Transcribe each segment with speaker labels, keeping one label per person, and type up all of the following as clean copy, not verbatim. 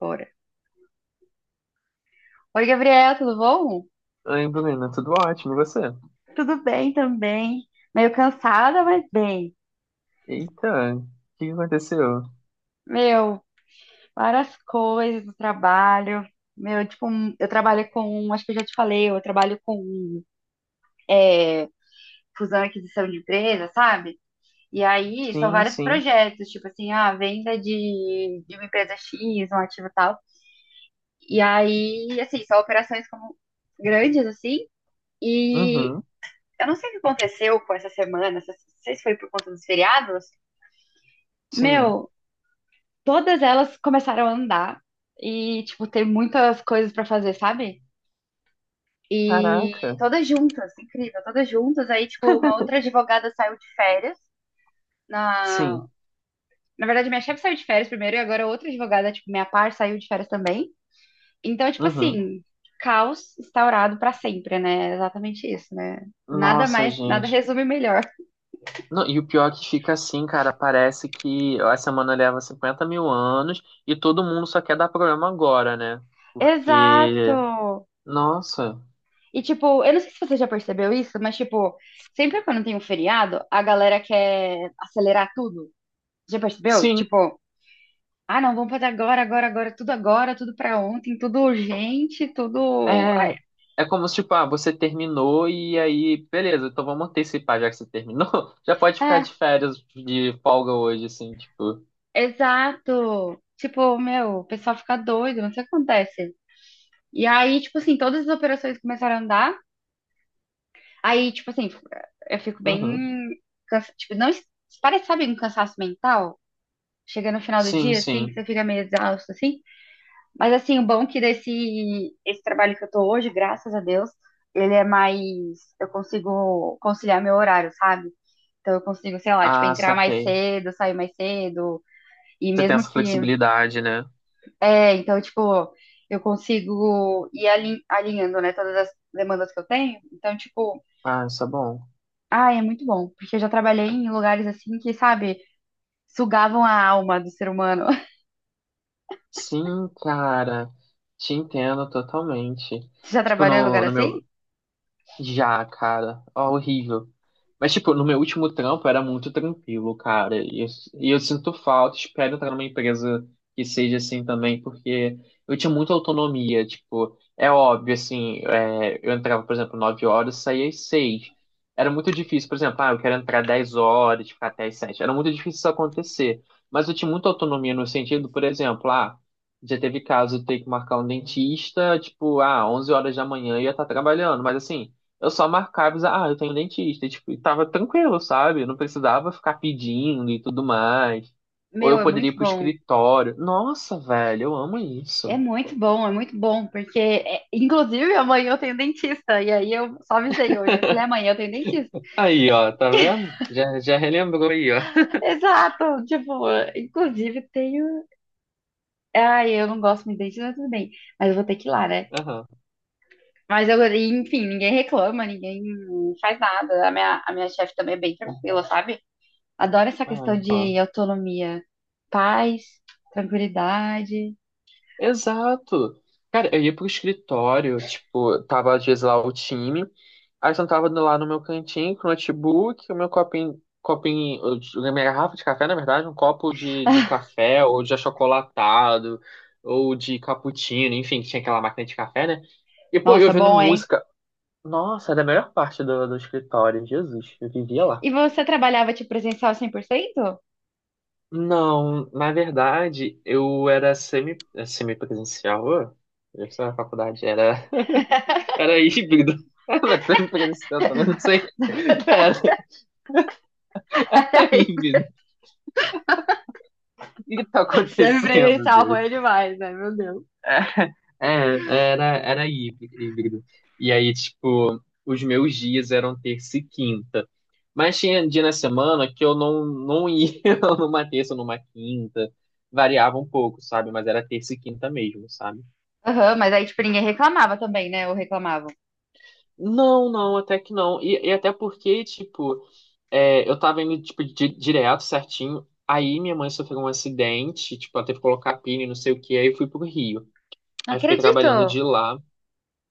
Speaker 1: Bora. Oi, Gabriela, tudo bom?
Speaker 2: Oi, Bruna, tudo ótimo, e você?
Speaker 1: Tudo bem também. Meio cansada, mas bem.
Speaker 2: Eita, o que que aconteceu?
Speaker 1: Meu, várias coisas do trabalho. Meu, tipo, eu trabalho com, acho que eu já te falei, eu trabalho com é, fusão e aquisição de empresa, sabe? E aí são
Speaker 2: Sim,
Speaker 1: vários
Speaker 2: sim,
Speaker 1: projetos, tipo assim, a venda de uma empresa X, um ativo tal. E aí, assim, são operações como grandes, assim. E
Speaker 2: uhum,
Speaker 1: eu não sei o que aconteceu com essa semana, não sei se foi por conta dos feriados.
Speaker 2: sim.
Speaker 1: Meu, todas elas começaram a andar e, tipo, ter muitas coisas pra fazer, sabe? E
Speaker 2: Caraca,
Speaker 1: todas juntas, incrível, todas juntas. Aí, tipo, uma outra advogada saiu de férias. Na...
Speaker 2: sim,
Speaker 1: Na verdade, minha chefe saiu de férias primeiro e agora outra advogada, tipo, minha par saiu de férias também. Então, tipo
Speaker 2: uhum.
Speaker 1: assim, caos instaurado pra sempre, né? É exatamente isso, né? Nada
Speaker 2: Nossa,
Speaker 1: mais, nada
Speaker 2: gente.
Speaker 1: resume melhor.
Speaker 2: Não, e o pior é que fica assim, cara, parece que a semana leva 50 mil anos e todo mundo só quer dar problema agora, né? Porque,
Speaker 1: Exato!
Speaker 2: nossa,
Speaker 1: E, tipo, eu não sei se você já percebeu isso, mas, tipo, sempre quando tem um feriado, a galera quer acelerar tudo. Já percebeu?
Speaker 2: sim,
Speaker 1: Tipo, ah, não, vamos fazer agora, agora, agora, tudo pra ontem, tudo urgente, tudo. Ai,
Speaker 2: É, é como se, tipo, ah, você terminou e aí, beleza, então vamos antecipar, já que você terminou, já pode ficar de
Speaker 1: é,
Speaker 2: férias, de folga hoje, assim, tipo.
Speaker 1: exato. Tipo, meu, o pessoal fica doido, não sei o que acontece. E aí, tipo assim, todas as operações começaram a andar. Aí, tipo assim, eu fico bem.
Speaker 2: Uhum.
Speaker 1: Cansa... Tipo, não. es- Parece, sabe, um cansaço mental? Chega no final do
Speaker 2: Sim,
Speaker 1: dia, assim, que
Speaker 2: sim.
Speaker 1: você fica meio exausto, assim. Mas assim, o bom é que desse esse trabalho que eu tô hoje, graças a Deus, ele é mais. Eu consigo conciliar meu horário, sabe? Então eu consigo, sei lá, tipo,
Speaker 2: Ah,
Speaker 1: entrar mais
Speaker 2: saquei.
Speaker 1: cedo, sair mais cedo. E
Speaker 2: Você tem
Speaker 1: mesmo
Speaker 2: essa
Speaker 1: que.
Speaker 2: flexibilidade, né?
Speaker 1: É, então, tipo, eu consigo ir alinhando, né, todas as demandas que eu tenho. Então, tipo,
Speaker 2: Ah, isso é bom.
Speaker 1: ah, é muito bom. Porque eu já trabalhei em lugares assim que, sabe, sugavam a alma do ser humano.
Speaker 2: Sim, cara, te entendo totalmente.
Speaker 1: Você já
Speaker 2: Tipo,
Speaker 1: trabalhou em lugar
Speaker 2: no
Speaker 1: assim?
Speaker 2: meu, já, cara, ó, horrível. Mas, tipo, no meu último trampo era muito tranquilo, cara. E eu sinto falta, espero entrar numa empresa que seja assim também, porque eu tinha muita autonomia. Tipo, é óbvio, assim, é, eu entrava, por exemplo, 9 horas, saía às 6. Era muito difícil, por exemplo, ah, eu quero entrar 10 horas, ficar até às 7. Era muito difícil isso acontecer. Mas eu tinha muita autonomia no sentido, por exemplo, ah, já teve caso de eu ter que marcar um dentista, tipo, ah, 11 horas da manhã eu ia estar trabalhando, mas assim. Eu só marcava, e dizia, ah, eu tenho dentista, e, tipo, e tava tranquilo, sabe? Eu não precisava ficar pedindo e tudo mais. Ou
Speaker 1: Meu,
Speaker 2: eu
Speaker 1: é
Speaker 2: poderia
Speaker 1: muito
Speaker 2: ir pro
Speaker 1: bom.
Speaker 2: escritório. Nossa, velho, eu amo
Speaker 1: É
Speaker 2: isso.
Speaker 1: muito bom, é muito bom, porque, é, inclusive, amanhã eu tenho dentista, e aí eu só avisei hoje, eu falei, amanhã eu tenho dentista.
Speaker 2: Aí, ó, tá vendo? Já, já relembrou aí, ó.
Speaker 1: Exato, tipo, inclusive tenho. Ai, eu não gosto muito de dentista, mas tudo bem, mas eu vou ter que ir lá, né?
Speaker 2: Aham.
Speaker 1: Mas eu, enfim, ninguém reclama, ninguém faz nada. A minha chefe também é bem tranquila, sabe? Adoro essa
Speaker 2: Ah,
Speaker 1: questão
Speaker 2: então.
Speaker 1: de autonomia, paz, tranquilidade.
Speaker 2: Exato. Cara, eu ia pro escritório, tipo, tava às vezes lá o time, aí eu sentava lá no meu cantinho com o notebook, o meu copinho, copinho, a minha garrafa de café, na verdade, um copo de café, ou de achocolatado, ou de cappuccino, enfim, tinha aquela máquina de café, né? E, pô, eu
Speaker 1: Nossa,
Speaker 2: ouvindo
Speaker 1: bom, hein?
Speaker 2: música. Nossa, era a melhor parte do escritório, Jesus, eu vivia lá.
Speaker 1: E você trabalhava de presencial 100%?
Speaker 2: Não, na verdade, eu era semi-presencial, ô, eu estava na faculdade, era. Era híbrido. É, mas tá me parecendo, também não sei. Pera, é híbrido. O que que tá acontecendo,
Speaker 1: Semipresencial
Speaker 2: Deus?
Speaker 1: foi demais, né? Meu Deus.
Speaker 2: É, é, era híbrido. E aí, tipo, os meus dias eram terça e quinta. Mas tinha dia na semana que eu não ia numa terça, ou numa quinta. Variava um pouco, sabe? Mas era terça e quinta mesmo, sabe?
Speaker 1: Aham, mas aí, tipo, ninguém reclamava também, né? Ou reclamavam.
Speaker 2: Não, não, até que não. E até porque, tipo, é, eu tava indo, tipo, direto, certinho. Aí minha mãe sofreu um acidente, tipo, ela teve que colocar pino e não sei o que, aí eu fui pro Rio.
Speaker 1: Não
Speaker 2: Aí fiquei trabalhando
Speaker 1: acredito!
Speaker 2: de lá.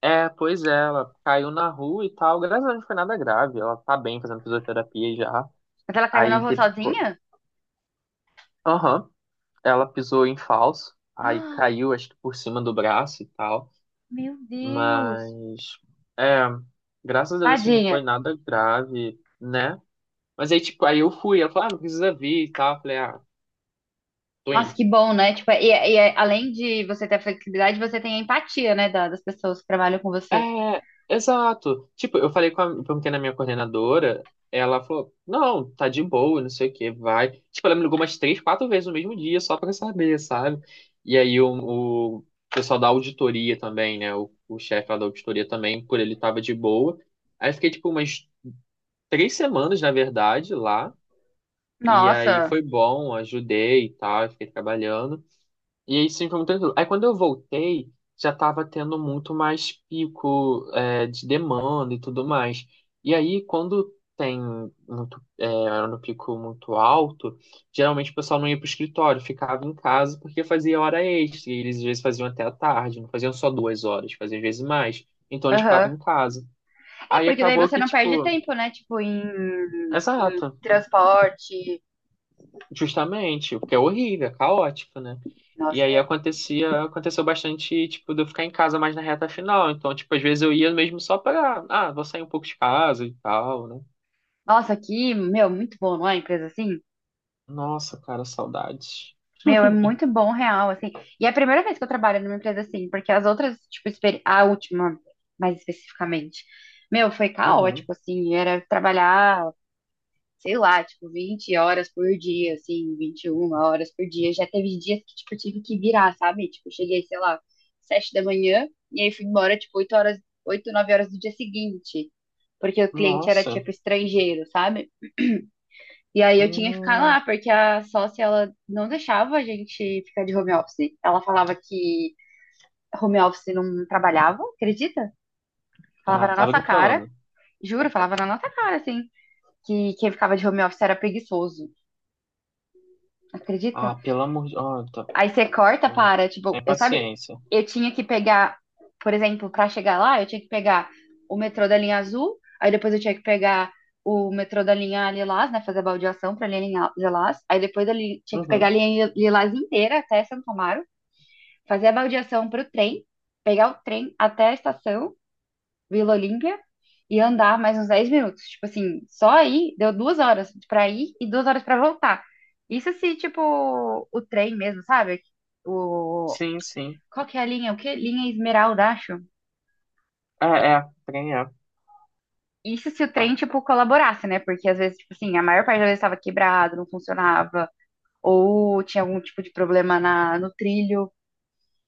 Speaker 2: É, pois é, ela caiu na rua e tal. Graças a Deus não foi nada grave. Ela tá bem fazendo fisioterapia já.
Speaker 1: Mas ela caiu na
Speaker 2: Aí
Speaker 1: rua
Speaker 2: teve que.
Speaker 1: sozinha?
Speaker 2: Aham. Ela pisou em falso. Aí
Speaker 1: Ah,
Speaker 2: caiu, acho que por cima do braço e tal.
Speaker 1: meu Deus!
Speaker 2: Mas. É. Graças a Deus, assim, não
Speaker 1: Tadinha.
Speaker 2: foi nada grave, né? Mas aí, tipo, aí eu fui. Ela falou, ah, não precisa vir e tal. Eu falei, ah, tô
Speaker 1: Nossa,
Speaker 2: indo.
Speaker 1: que bom, né? Tipo, e além de você ter a flexibilidade, você tem a empatia, né? Das pessoas que trabalham com você.
Speaker 2: É, exato. Tipo, eu falei perguntei na minha coordenadora, ela falou, não, tá de boa, não sei o que, vai. Tipo, ela me ligou umas três, quatro vezes no mesmo dia, só pra saber, sabe? E aí o pessoal da auditoria também, né? O chefe lá da auditoria também, por ele tava de boa. Aí eu fiquei, tipo, umas 3 semanas, na verdade, lá. E aí
Speaker 1: Nossa,
Speaker 2: foi bom, ajudei e tal, eu fiquei trabalhando. E aí sim foi muito tranquilo. Aí quando eu voltei, já estava tendo muito mais pico de demanda e tudo mais. E aí quando tem muito, era no pico muito alto, geralmente o pessoal não ia para o escritório, ficava em casa porque fazia hora extra. E eles às vezes faziam até a tarde, não faziam só 2 horas, faziam às vezes mais. Então eles
Speaker 1: aham.
Speaker 2: ficavam em casa.
Speaker 1: É,
Speaker 2: Aí
Speaker 1: porque daí
Speaker 2: acabou
Speaker 1: você
Speaker 2: que,
Speaker 1: não perde
Speaker 2: tipo,
Speaker 1: tempo, né? Tipo, em
Speaker 2: exato,
Speaker 1: transporte.
Speaker 2: justamente, porque é horrível, é caótico, né? E
Speaker 1: Nossa,
Speaker 2: aí acontecia, aconteceu bastante, tipo, de eu ficar em casa mais na reta final. Então, tipo, às vezes eu ia mesmo só pra, ah, vou sair um pouco de casa e tal, né?
Speaker 1: nossa, aqui, meu, muito bom, não é? Empresa assim?
Speaker 2: Nossa, cara, saudades.
Speaker 1: Meu, é muito bom, real, assim. E é a primeira vez que eu trabalho numa empresa assim, porque as outras, tipo, a última, mais especificamente, meu, foi
Speaker 2: Uhum.
Speaker 1: caótico, assim. Era trabalhar, sei lá, tipo, 20 horas por dia, assim, 21 horas por dia. Já teve dias que, tipo, eu tive que virar, sabe? Tipo, eu cheguei, sei lá, 7 da manhã, e aí fui embora, tipo, 8 horas, 8, 9 horas do dia seguinte, porque o cliente era,
Speaker 2: Nossa.
Speaker 1: tipo, estrangeiro, sabe? E aí eu tinha que ficar
Speaker 2: Hum.
Speaker 1: lá, porque a sócia, ela não deixava a gente ficar de home office. Ela falava que home office não trabalhava, acredita? Falava
Speaker 2: Ah,
Speaker 1: na
Speaker 2: tá
Speaker 1: nossa cara,
Speaker 2: brincando.
Speaker 1: juro, falava na nossa cara, assim, que quem ficava de home office era preguiçoso, acredita?
Speaker 2: Ah, pelo amor de... Oh, tá.
Speaker 1: Aí você corta,
Speaker 2: Hum.
Speaker 1: para, tipo,
Speaker 2: Sem
Speaker 1: eu sabe,
Speaker 2: paciência.
Speaker 1: eu tinha que pegar, por exemplo, pra chegar lá, eu tinha que pegar o metrô da linha azul, aí depois eu tinha que pegar o metrô da linha Lilás, né, fazer a baldeação pra linha Lilás, aí depois eu tinha que pegar a
Speaker 2: Uhum.
Speaker 1: linha Lilás inteira até Santo Amaro, fazer a baldeação pro trem, pegar o trem até a estação, Vila Olímpia e andar mais uns 10 minutos. Tipo assim, só aí deu 2 horas pra ir e 2 horas pra voltar. Isso se, tipo, o trem mesmo, sabe? O...
Speaker 2: Sim, sim.
Speaker 1: Qual que é a linha? O que? Linha Esmeralda, acho.
Speaker 2: É, é, trem é.
Speaker 1: Isso se o trem, tipo, colaborasse, né? Porque às vezes, tipo assim, a maior parte das vezes estava quebrado, não funcionava, ou tinha algum tipo de problema no trilho.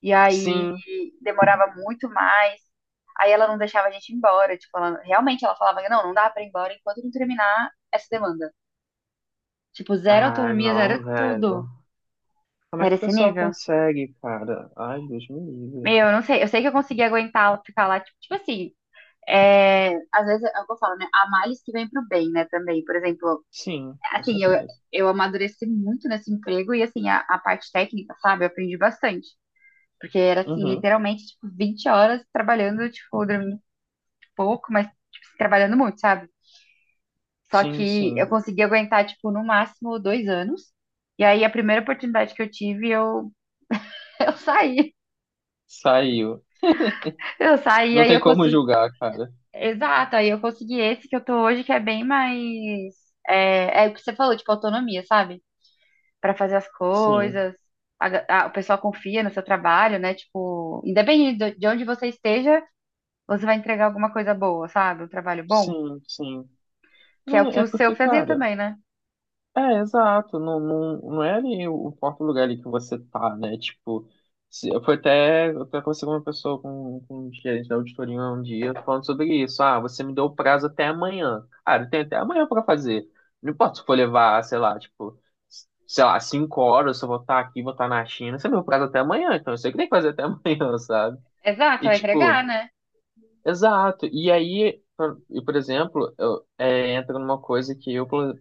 Speaker 1: E aí
Speaker 2: Sim.
Speaker 1: demorava muito mais. Aí ela não deixava a gente ir embora. Tipo, ela, realmente ela falava, não, não dá pra ir embora enquanto não terminar essa demanda. Tipo, zero
Speaker 2: Ah,
Speaker 1: autonomia, zero
Speaker 2: não, velho.
Speaker 1: tudo.
Speaker 2: Como é
Speaker 1: Era
Speaker 2: que o
Speaker 1: esse
Speaker 2: pessoal
Speaker 1: nível.
Speaker 2: consegue, cara? Ai, Deus me livre.
Speaker 1: Meu, eu não sei. Eu sei que eu consegui aguentar ficar lá, tipo, É, às vezes é o que eu falo, né? Há males que vem pro bem, né? Também, por exemplo,
Speaker 2: Sim, com
Speaker 1: assim, eu,
Speaker 2: certeza.
Speaker 1: eu amadureci muito nesse emprego e, assim, a parte técnica, sabe? Eu aprendi bastante. Porque era, assim,
Speaker 2: Uhum.
Speaker 1: literalmente, tipo, 20 horas trabalhando, tipo, dormindo pouco, mas tipo, assim, trabalhando muito, sabe? Só
Speaker 2: Sim,
Speaker 1: que eu
Speaker 2: sim.
Speaker 1: consegui aguentar, tipo, no máximo 2 anos. E aí a primeira oportunidade que eu tive, eu, eu saí.
Speaker 2: Saiu.
Speaker 1: Eu saí,
Speaker 2: Não
Speaker 1: aí
Speaker 2: tem
Speaker 1: eu
Speaker 2: como
Speaker 1: consegui.
Speaker 2: julgar, cara.
Speaker 1: Exato, aí eu consegui esse que eu tô hoje, que é bem mais. É o que você falou, tipo, autonomia, sabe? Pra fazer as
Speaker 2: Sim,
Speaker 1: coisas. O pessoal confia no seu trabalho, né? Tipo, independente de onde você esteja, você vai entregar alguma coisa boa, sabe? Um trabalho bom,
Speaker 2: sim, sim.
Speaker 1: que é o
Speaker 2: Não,
Speaker 1: que
Speaker 2: é
Speaker 1: o seu
Speaker 2: porque,
Speaker 1: fazia
Speaker 2: cara,
Speaker 1: também, né?
Speaker 2: é, exato. Não, não, não é ali o próprio lugar ali que você tá, né? Tipo, se, eu fui até, eu até conversei com uma pessoa, com um gerente da auditoria um dia, falando sobre isso. Ah, você me deu o prazo até amanhã. Cara, eu tenho até amanhã pra fazer. Não importa se for levar, sei lá, tipo, sei lá, 5 horas, se eu vou estar aqui, vou estar na China. Você me deu o prazo até amanhã, então eu sei que tem que fazer até amanhã, sabe?
Speaker 1: Exato,
Speaker 2: E,
Speaker 1: vai
Speaker 2: tipo,
Speaker 1: entregar, né?
Speaker 2: exato. E aí, e, por exemplo, eu, entra numa coisa que eu, por,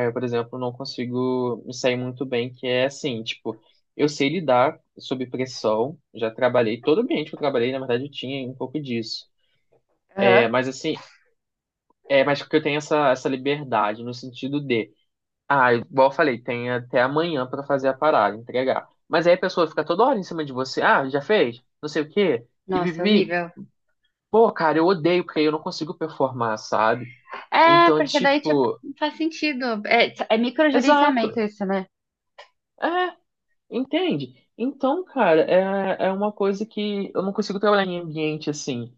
Speaker 2: é, por exemplo, não consigo me sair muito bem, que é assim, tipo, eu sei lidar sob pressão, já trabalhei, todo ambiente que eu trabalhei, na verdade, eu tinha um pouco disso. É,
Speaker 1: Aham.
Speaker 2: mas assim, mas porque eu tenho essa liberdade no sentido de, ah, igual eu falei, tem até amanhã pra fazer a parada, entregar. Mas aí a pessoa fica toda hora em cima de você, ah, já fez? Não sei o quê. E
Speaker 1: Nossa, é
Speaker 2: vivi.
Speaker 1: horrível.
Speaker 2: Pô, cara, eu odeio porque eu não consigo performar, sabe?
Speaker 1: É,
Speaker 2: Então,
Speaker 1: porque daí, tipo,
Speaker 2: tipo,
Speaker 1: não faz sentido. É microgerenciamento
Speaker 2: exato.
Speaker 1: isso, né?
Speaker 2: É, entende? Então, cara, é uma coisa que eu não consigo trabalhar em ambiente assim.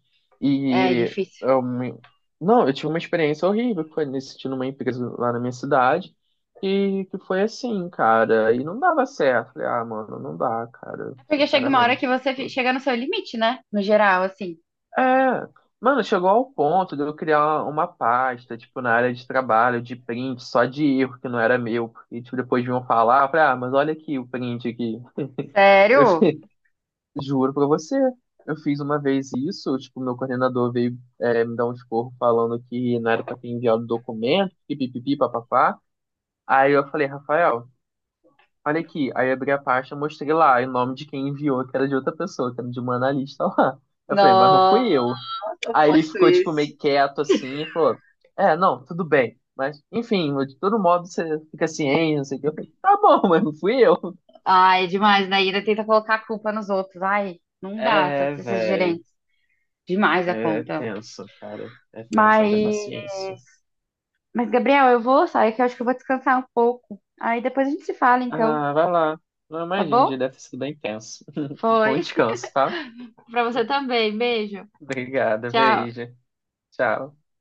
Speaker 1: É
Speaker 2: E
Speaker 1: difícil.
Speaker 2: eu me- não, eu tive uma experiência horrível que foi nesse sentido numa empresa lá na minha cidade. E que foi assim, cara, e não dava certo. Falei, ah, mano, não dá, cara,
Speaker 1: É porque chega uma hora que
Speaker 2: sinceramente.
Speaker 1: você
Speaker 2: Tipo,
Speaker 1: chega no seu limite, né? No geral, assim.
Speaker 2: é, mano, chegou ao ponto de eu criar uma pasta, tipo, na área de trabalho, de print, só de erro que não era meu, porque, tipo, depois vinham falar, eu falei, ah, mas olha aqui o print aqui. Eu
Speaker 1: Sério?
Speaker 2: fiz- Juro pra você, eu fiz uma vez isso, tipo, meu coordenador veio me dar um esporro falando que não era pra ter enviado o documento, que pipipi, papapá. Aí eu falei, Rafael, olha aqui. Aí eu abri a pasta, mostrei lá, e o nome de quem enviou, que era de outra pessoa, que era de uma analista lá. Eu falei, mas não
Speaker 1: Nossa,
Speaker 2: fui eu.
Speaker 1: o
Speaker 2: Aí
Speaker 1: plot
Speaker 2: ele ficou, tipo,
Speaker 1: twist.
Speaker 2: meio quieto assim e falou: é, não, tudo bem. Mas, enfim, de todo modo você fica ciente, não sei o que. Eu falei, tá bom, mas não fui eu.
Speaker 1: Ai, é demais, né? E ainda tenta colocar a culpa nos outros. Ai, não dá,
Speaker 2: É,
Speaker 1: esses
Speaker 2: velho.
Speaker 1: gerentes. Demais a
Speaker 2: É
Speaker 1: conta.
Speaker 2: tenso, cara. É tenso,
Speaker 1: Mas,
Speaker 2: haja paciência.
Speaker 1: mas, Gabriel, eu vou sair que eu acho que eu vou descansar um pouco. Aí depois a gente se fala, então,
Speaker 2: Ah, vai lá. Não
Speaker 1: tá
Speaker 2: imagino, o
Speaker 1: bom?
Speaker 2: dia deve ter sido bem tenso.
Speaker 1: Foi.
Speaker 2: Bom descanso, tá?
Speaker 1: Pra você também. Beijo.
Speaker 2: Obrigada,
Speaker 1: Tchau.
Speaker 2: beijo. Tchau.